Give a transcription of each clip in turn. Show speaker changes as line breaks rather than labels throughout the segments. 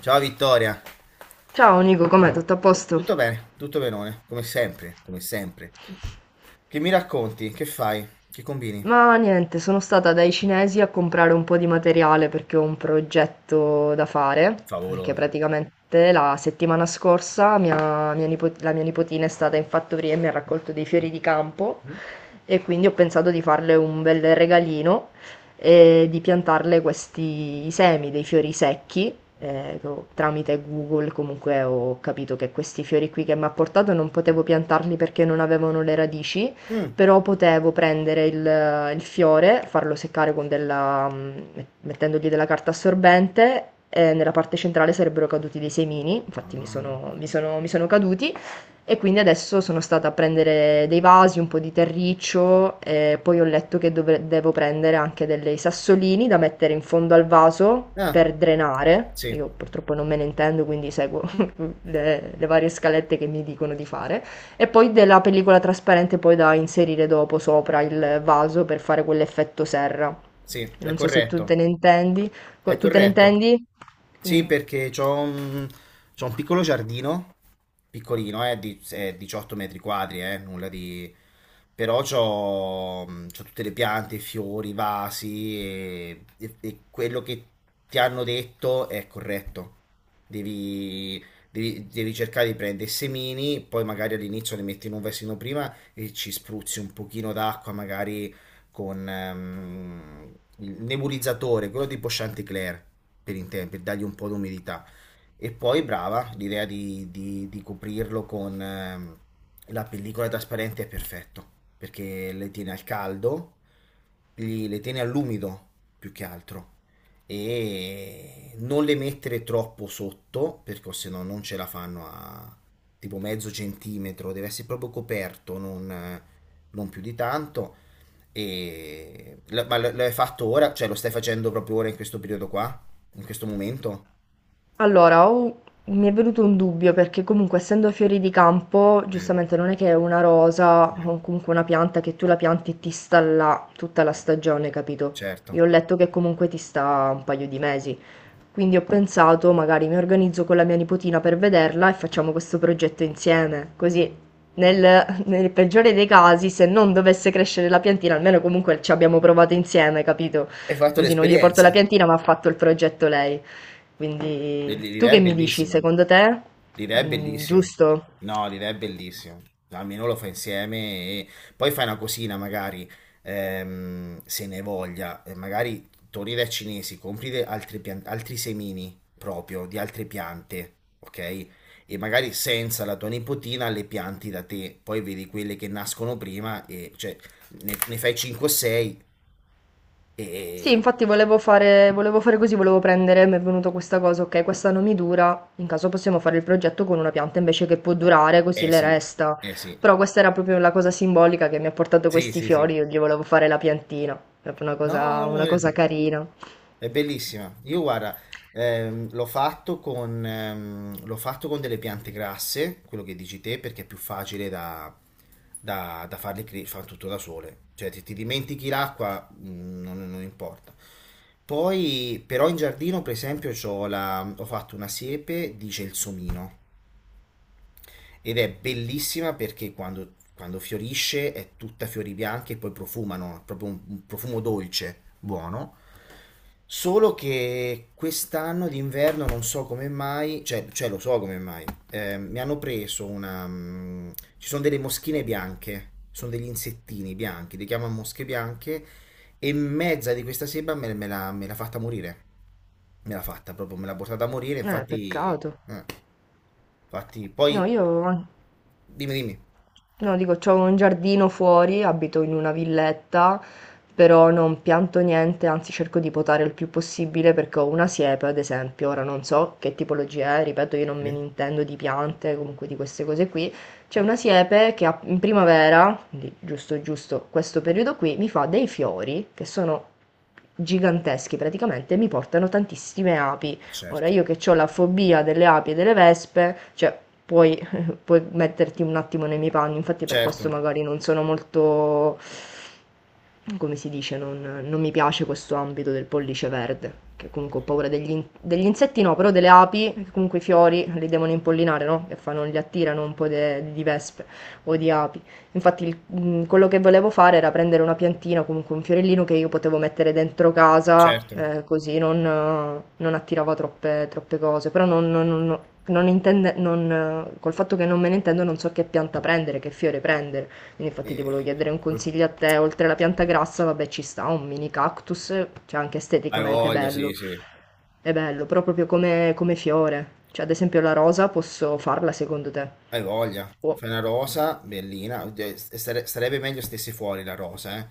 Ciao Vittoria,
Ciao Nico, com'è? Tutto a posto?
tutto bene, tutto benone, come sempre, come sempre. Che mi racconti? Che fai? Che combini?
Ma niente, sono stata dai cinesi a comprare un po' di materiale perché ho un progetto da fare, perché
Favoloso.
praticamente la settimana scorsa la mia nipotina è stata in fattoria e mi ha raccolto dei fiori di campo,
Mm.
e quindi ho pensato di farle un bel regalino e di piantarle questi semi dei fiori secchi. Tramite Google comunque ho capito che questi fiori qui che mi ha portato non potevo piantarli perché non avevano le radici,
Mm.
però potevo prendere il fiore, farlo seccare con della, mettendogli della carta assorbente, e nella parte centrale sarebbero caduti dei semini. Infatti
Ah.
mi sono caduti, e quindi adesso sono stata a prendere dei vasi, un po' di terriccio, e poi ho letto che devo prendere anche dei sassolini da mettere in fondo al vaso
Ah.
per drenare.
Sì,
Io purtroppo non me ne intendo, quindi seguo le varie scalette che mi dicono di fare. E poi della pellicola trasparente poi da inserire dopo sopra il vaso per fare quell'effetto serra.
sì, è
Non so se tu te
corretto.
ne intendi.
È
Tu te ne
corretto.
intendi?
Sì,
Quindi-
perché c'ho un piccolo giardino, piccolino, di, 18 metri quadri, nulla di... Però c'ho tutte le piante, i fiori, i vasi e quello che ti hanno detto è corretto. Devi, Devi cercare di prendere i semini, poi magari all'inizio li metti in un vasino prima e ci spruzzi un pochino d'acqua, magari con il nebulizzatore, quello tipo Chanticleer, per intendere, per dargli un po' d'umidità. E poi brava, l'idea di coprirlo con la pellicola trasparente è perfetto, perché le tiene al caldo, gli- le tiene all'umido più che altro. E non le mettere troppo sotto, perché se no non ce la fanno a tipo mezzo centimetro, deve essere proprio coperto, non più di tanto. E... lo- ma lo hai fatto ora? Cioè, lo stai facendo proprio ora in questo periodo qua? In questo momento?
Allora, mi è venuto un dubbio perché comunque essendo fiori di campo,
Mm,
giustamente non è che è una rosa
mm,
o comunque una pianta che tu la pianti e ti sta là tutta la stagione, capito?
certo.
Io ho letto che comunque ti sta un paio di mesi. Quindi ho pensato, magari mi organizzo con la mia nipotina per vederla e facciamo questo progetto insieme. Così, nel peggiore dei casi, se non dovesse crescere la piantina, almeno comunque ci abbiamo provato insieme, capito?
Hai fatto
Così non gli porto la
l'esperienza?
piantina, ma ha fatto il progetto lei. Quindi, tu
L'idea è
che mi dici?
bellissima.
Secondo te?
L'idea è
Mm,
bellissima.
giusto?
No, l'idea è bellissima. No, almeno lo fai insieme e poi fai una cosina, magari se ne hai voglia, e magari torni dai cinesi, compri de- altri, pian- altri semini proprio di altre piante, ok? E magari senza la tua nipotina le pianti da te, poi vedi quelle che nascono prima e cioè ne fai 5 o 6
Sì,
e
infatti volevo fare così, volevo prendere, mi è venuta questa cosa, ok, questa non mi dura, in caso possiamo fare il progetto con una pianta invece che può durare, così
eh
le
sì,
resta.
eh sì.
Però questa era proprio la cosa simbolica che mi ha portato
Sì,
questi
sì, sì.
fiori, io gli volevo fare la piantina, proprio
No, no,
una cosa carina.
è bellissima. Io guarda, l'ho fatto con delle piante grasse, quello che dici te, perché è più facile da farle cre- fa tutto da sole. Cioè, se ti dimentichi l'acqua, non importa. Poi, però in giardino, per esempio, c'ho la- ho fatto una siepe di gelsomino. Ed è bellissima perché quando fiorisce è tutta fiori bianchi e poi profumano, è proprio un profumo dolce, buono. Solo che quest'anno d'inverno non so come mai, cioè lo so come mai, mi hanno preso una... mm, ci sono delle moschine bianche, sono degli insettini bianchi, li chiamano mosche bianche, e mezza di questa seba me l'ha fatta morire. Me l'ha fatta proprio, me l'ha portata a morire, infatti...
Peccato.
eh. Infatti,
No,
poi
io...
dimmi, dimmi.
No, dico, c'ho un giardino fuori, abito in una villetta, però non pianto niente, anzi cerco di potare il più possibile perché ho una siepe, ad esempio, ora non so che tipologia è, ripeto, io non me ne
Sì,
intendo di piante, comunque di queste cose qui. C'è una siepe che in primavera, quindi giusto giusto questo periodo qui, mi fa dei fiori che sono giganteschi praticamente e mi portano tantissime api. Ora
certo.
io che ho la fobia delle api e delle vespe, cioè puoi puoi metterti un attimo nei miei panni, infatti per
Certo,
questo magari non sono molto come si dice, non mi piace questo ambito del pollice verde, che comunque ho paura degli insetti, no? Però delle api, che comunque i fiori li devono impollinare, no? Che fanno, li attirano un po' di vespe o di api. Infatti quello che volevo fare era prendere una piantina, comunque un fiorellino che io potevo mettere dentro casa,
certo.
così non, non attirava troppe cose, però non... non- non- non intende- non, col fatto che non me ne intendo non so che pianta prendere, che fiore prendere. Quindi infatti ti
Eh,
volevo chiedere un
poi-
consiglio a te, oltre alla pianta grassa, vabbè, ci sta un mini cactus, cioè anche
hai
esteticamente
voglia, sì, sì.
è bello, però proprio come fiore, cioè ad esempio la rosa posso farla secondo te?
Hai voglia.
O
Fai una rosa bellina. Oddio, sare- sarebbe meglio stesse fuori la rosa, eh.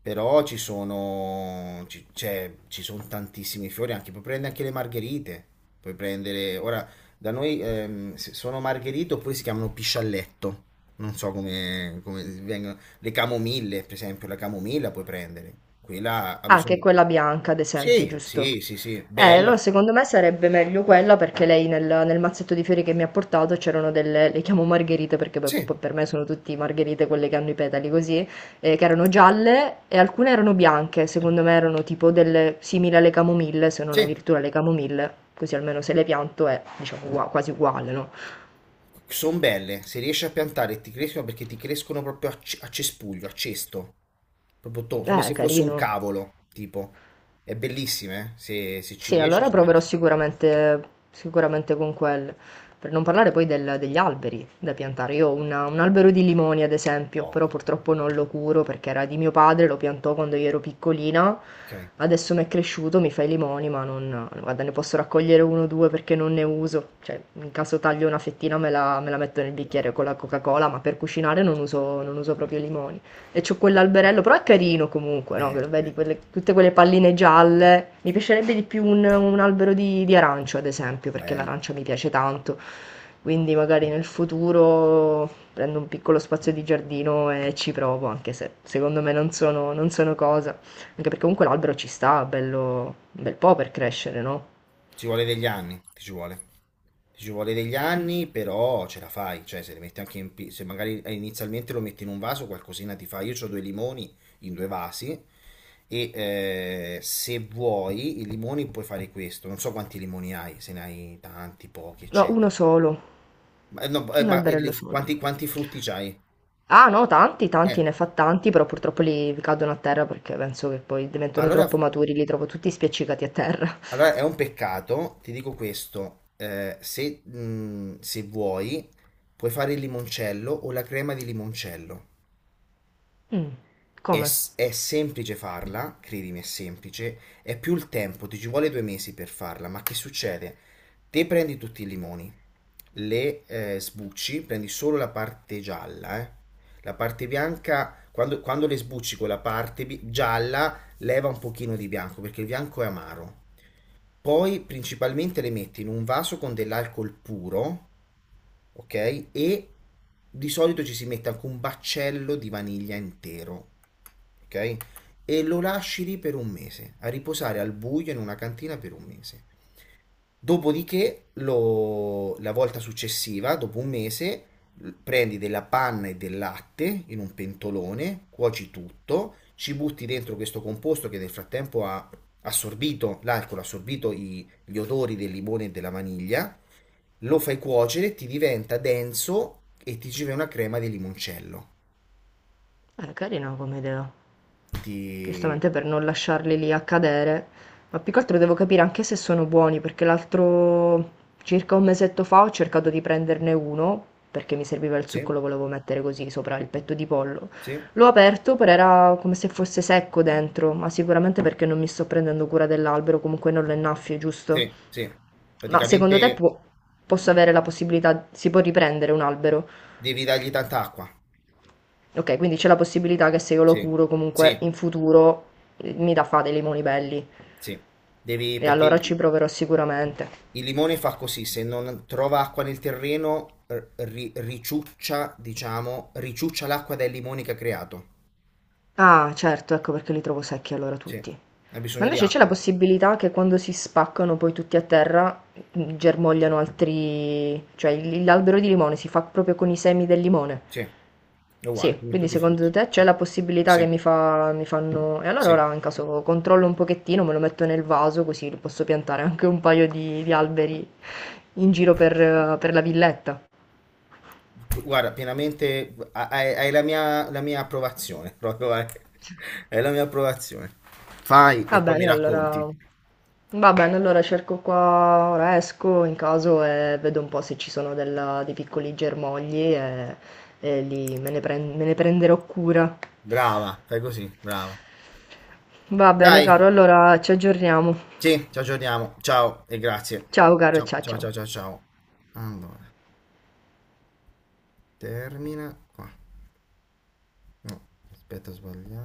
Però ci sono tantissimi fiori, anche, puoi prendere anche le margherite, puoi prendere, ora, da noi se- sono margherite oppure si chiamano piscialletto, non so come vengono, le camomille, per esempio, la camomilla puoi prendere, quella ha
Ah, che è
bisogno,
quella bianca, ad esempio,
sì,
giusto?
sì, sì, sì,
Allora
bella.
secondo me sarebbe meglio quella perché lei nel mazzetto di fiori che mi ha portato c'erano delle, le chiamo margherite perché per,
Sì,
per me sono tutte margherite quelle che hanno i petali così, che erano gialle e alcune erano bianche, secondo me erano tipo delle simili alle camomille, se non
sì,
addirittura le camomille, così almeno se le pianto è diciamo quasi uguale, no?
sono belle. Se riesci a piantare ti crescono perché ti crescono proprio a, c- a cespuglio, a cesto. Proprio to- come se fosse un
Carino.
cavolo, tipo. È bellissime, eh. Se, se ci
Sì,
riesci
allora
sono
proverò
bellissime.
sicuramente, sicuramente con quelle. Per non parlare poi degli alberi da piantare. Io ho un albero di limoni, ad esempio, però
No.
purtroppo non lo curo perché era di mio padre, lo piantò quando io ero piccolina.
Ok.
Adesso mi è cresciuto, mi fa i limoni, ma non, guarda, ne posso raccogliere uno o due perché non ne uso. Cioè, in caso taglio una fettina me la metto nel
No.
bicchiere con la Coca-Cola, ma per cucinare non uso proprio i limoni. E c'ho quell'alberello, però è carino comunque, no? Che lo vedi
Beh,
tutte quelle palline gialle. Mi piacerebbe di più un albero di arancio, ad esempio, perché
bello.
l'arancia mi piace tanto. Quindi magari nel futuro prendo un piccolo spazio di giardino e ci provo, anche se secondo me non sono cosa. Anche perché comunque l'albero ci sta, bello, un bel po' per crescere, no?
Ci vuole degli anni, ti ci vuole. Ti ci vuole degli anni, però ce la fai. Cioè, se li metti anche in... pi- se magari inizialmente lo metti in un vaso, qualcosina ti fa. Io ho 2 limoni in 2 vasi e se vuoi i limoni puoi fare questo. Non so quanti limoni hai, se ne hai tanti, pochi,
No,
eccetera.
uno solo,
Ma, no,
un
ma
alberello
li-
solo.
quanti frutti c'hai?
Ah no, tanti, tanti,
Eh,
ne fa tanti, però purtroppo li cadono a terra perché penso che poi diventano
allora...
troppo maturi, li trovo tutti spiaccicati a terra.
Allora, è un peccato, ti dico questo, se, se vuoi puoi fare il limoncello o la crema di limoncello.
Mm, come?
S- è semplice farla, credimi, è semplice, è più il tempo, ti ci vuole 2 mesi per farla, ma che succede? Te prendi tutti i limoni, le sbucci, prendi solo la parte gialla, eh. La parte bianca, quando le sbucci con la parte bi- gialla, leva un pochino di bianco, perché il bianco è amaro. Poi principalmente le metti in un vaso con dell'alcol puro, ok? E di solito ci si mette anche un baccello di vaniglia intero, ok? E lo lasci lì per 1 mese, a riposare al buio in una cantina per 1 mese. Dopodiché, lo- la volta successiva, dopo 1 mese, l- prendi della panna e del latte in un pentolone, cuoci tutto, ci butti dentro questo composto che nel frattempo ha assorbito l'alcol, ha assorbito i- gli odori del limone e della vaniglia, lo fai cuocere, ti diventa denso e ti ci fai una crema di limoncello.
Carina come idea.
Ti...
Giustamente per non lasciarli lì a cadere, ma più che altro devo capire anche se sono buoni, perché l'altro circa un mesetto fa ho cercato di prenderne uno, perché mi serviva il succo,
Sì,
lo volevo mettere così sopra il petto di pollo.
sì,
L'ho aperto, però era come se fosse secco dentro, ma sicuramente perché non mi sto prendendo cura dell'albero, comunque non lo innaffio, giusto?
sì, sì.
Ma secondo te
Praticamente
posso avere la possibilità, si può riprendere un albero?
devi dargli tanta acqua.
Ok, quindi c'è la possibilità che se io lo
Sì,
curo comunque
sì,
in futuro mi dà fa dei limoni belli,
sì. Devi,
e
perché
allora ci proverò sicuramente.
il limone fa così, se non trova acqua nel terreno, r- ri- riciuccia, diciamo, riciuccia l'acqua dai limoni che ha creato.
Ah, certo, ecco perché li trovo secchi allora
Sì,
tutti.
ha
Ma
bisogno di
invece c'è la
acqua.
possibilità che quando si spaccano poi tutti a terra germogliano altri... cioè l'albero di limone si fa proprio con i semi del limone.
Sì, è uguale,
Sì,
come
quindi
tutti i frutti.
secondo te c'è la possibilità che
Sì,
mi fanno... E allora
sì,
ora in caso controllo un pochettino, me lo metto nel vaso così posso piantare anche un paio di alberi in giro per la villetta.
guarda, pienamente ha- hai la mia approvazione, proprio hai, hai la mia approvazione. Fai e
Va
poi mi
bene,
racconti.
allora... Va bene, allora cerco qua, ora esco in caso e vedo un po' se ci sono dei piccoli germogli, me ne prenderò cura.
Brava, fai così, brava.
Va bene,
Dai,
caro, allora ci aggiorniamo.
sì, ci aggiorniamo. Ciao e grazie.
Ciao, caro,
Ciao,
ciao,
ciao,
ciao.
ciao, ciao, ciao. Allora, termina qua. No, aspetta, ho sbagliato.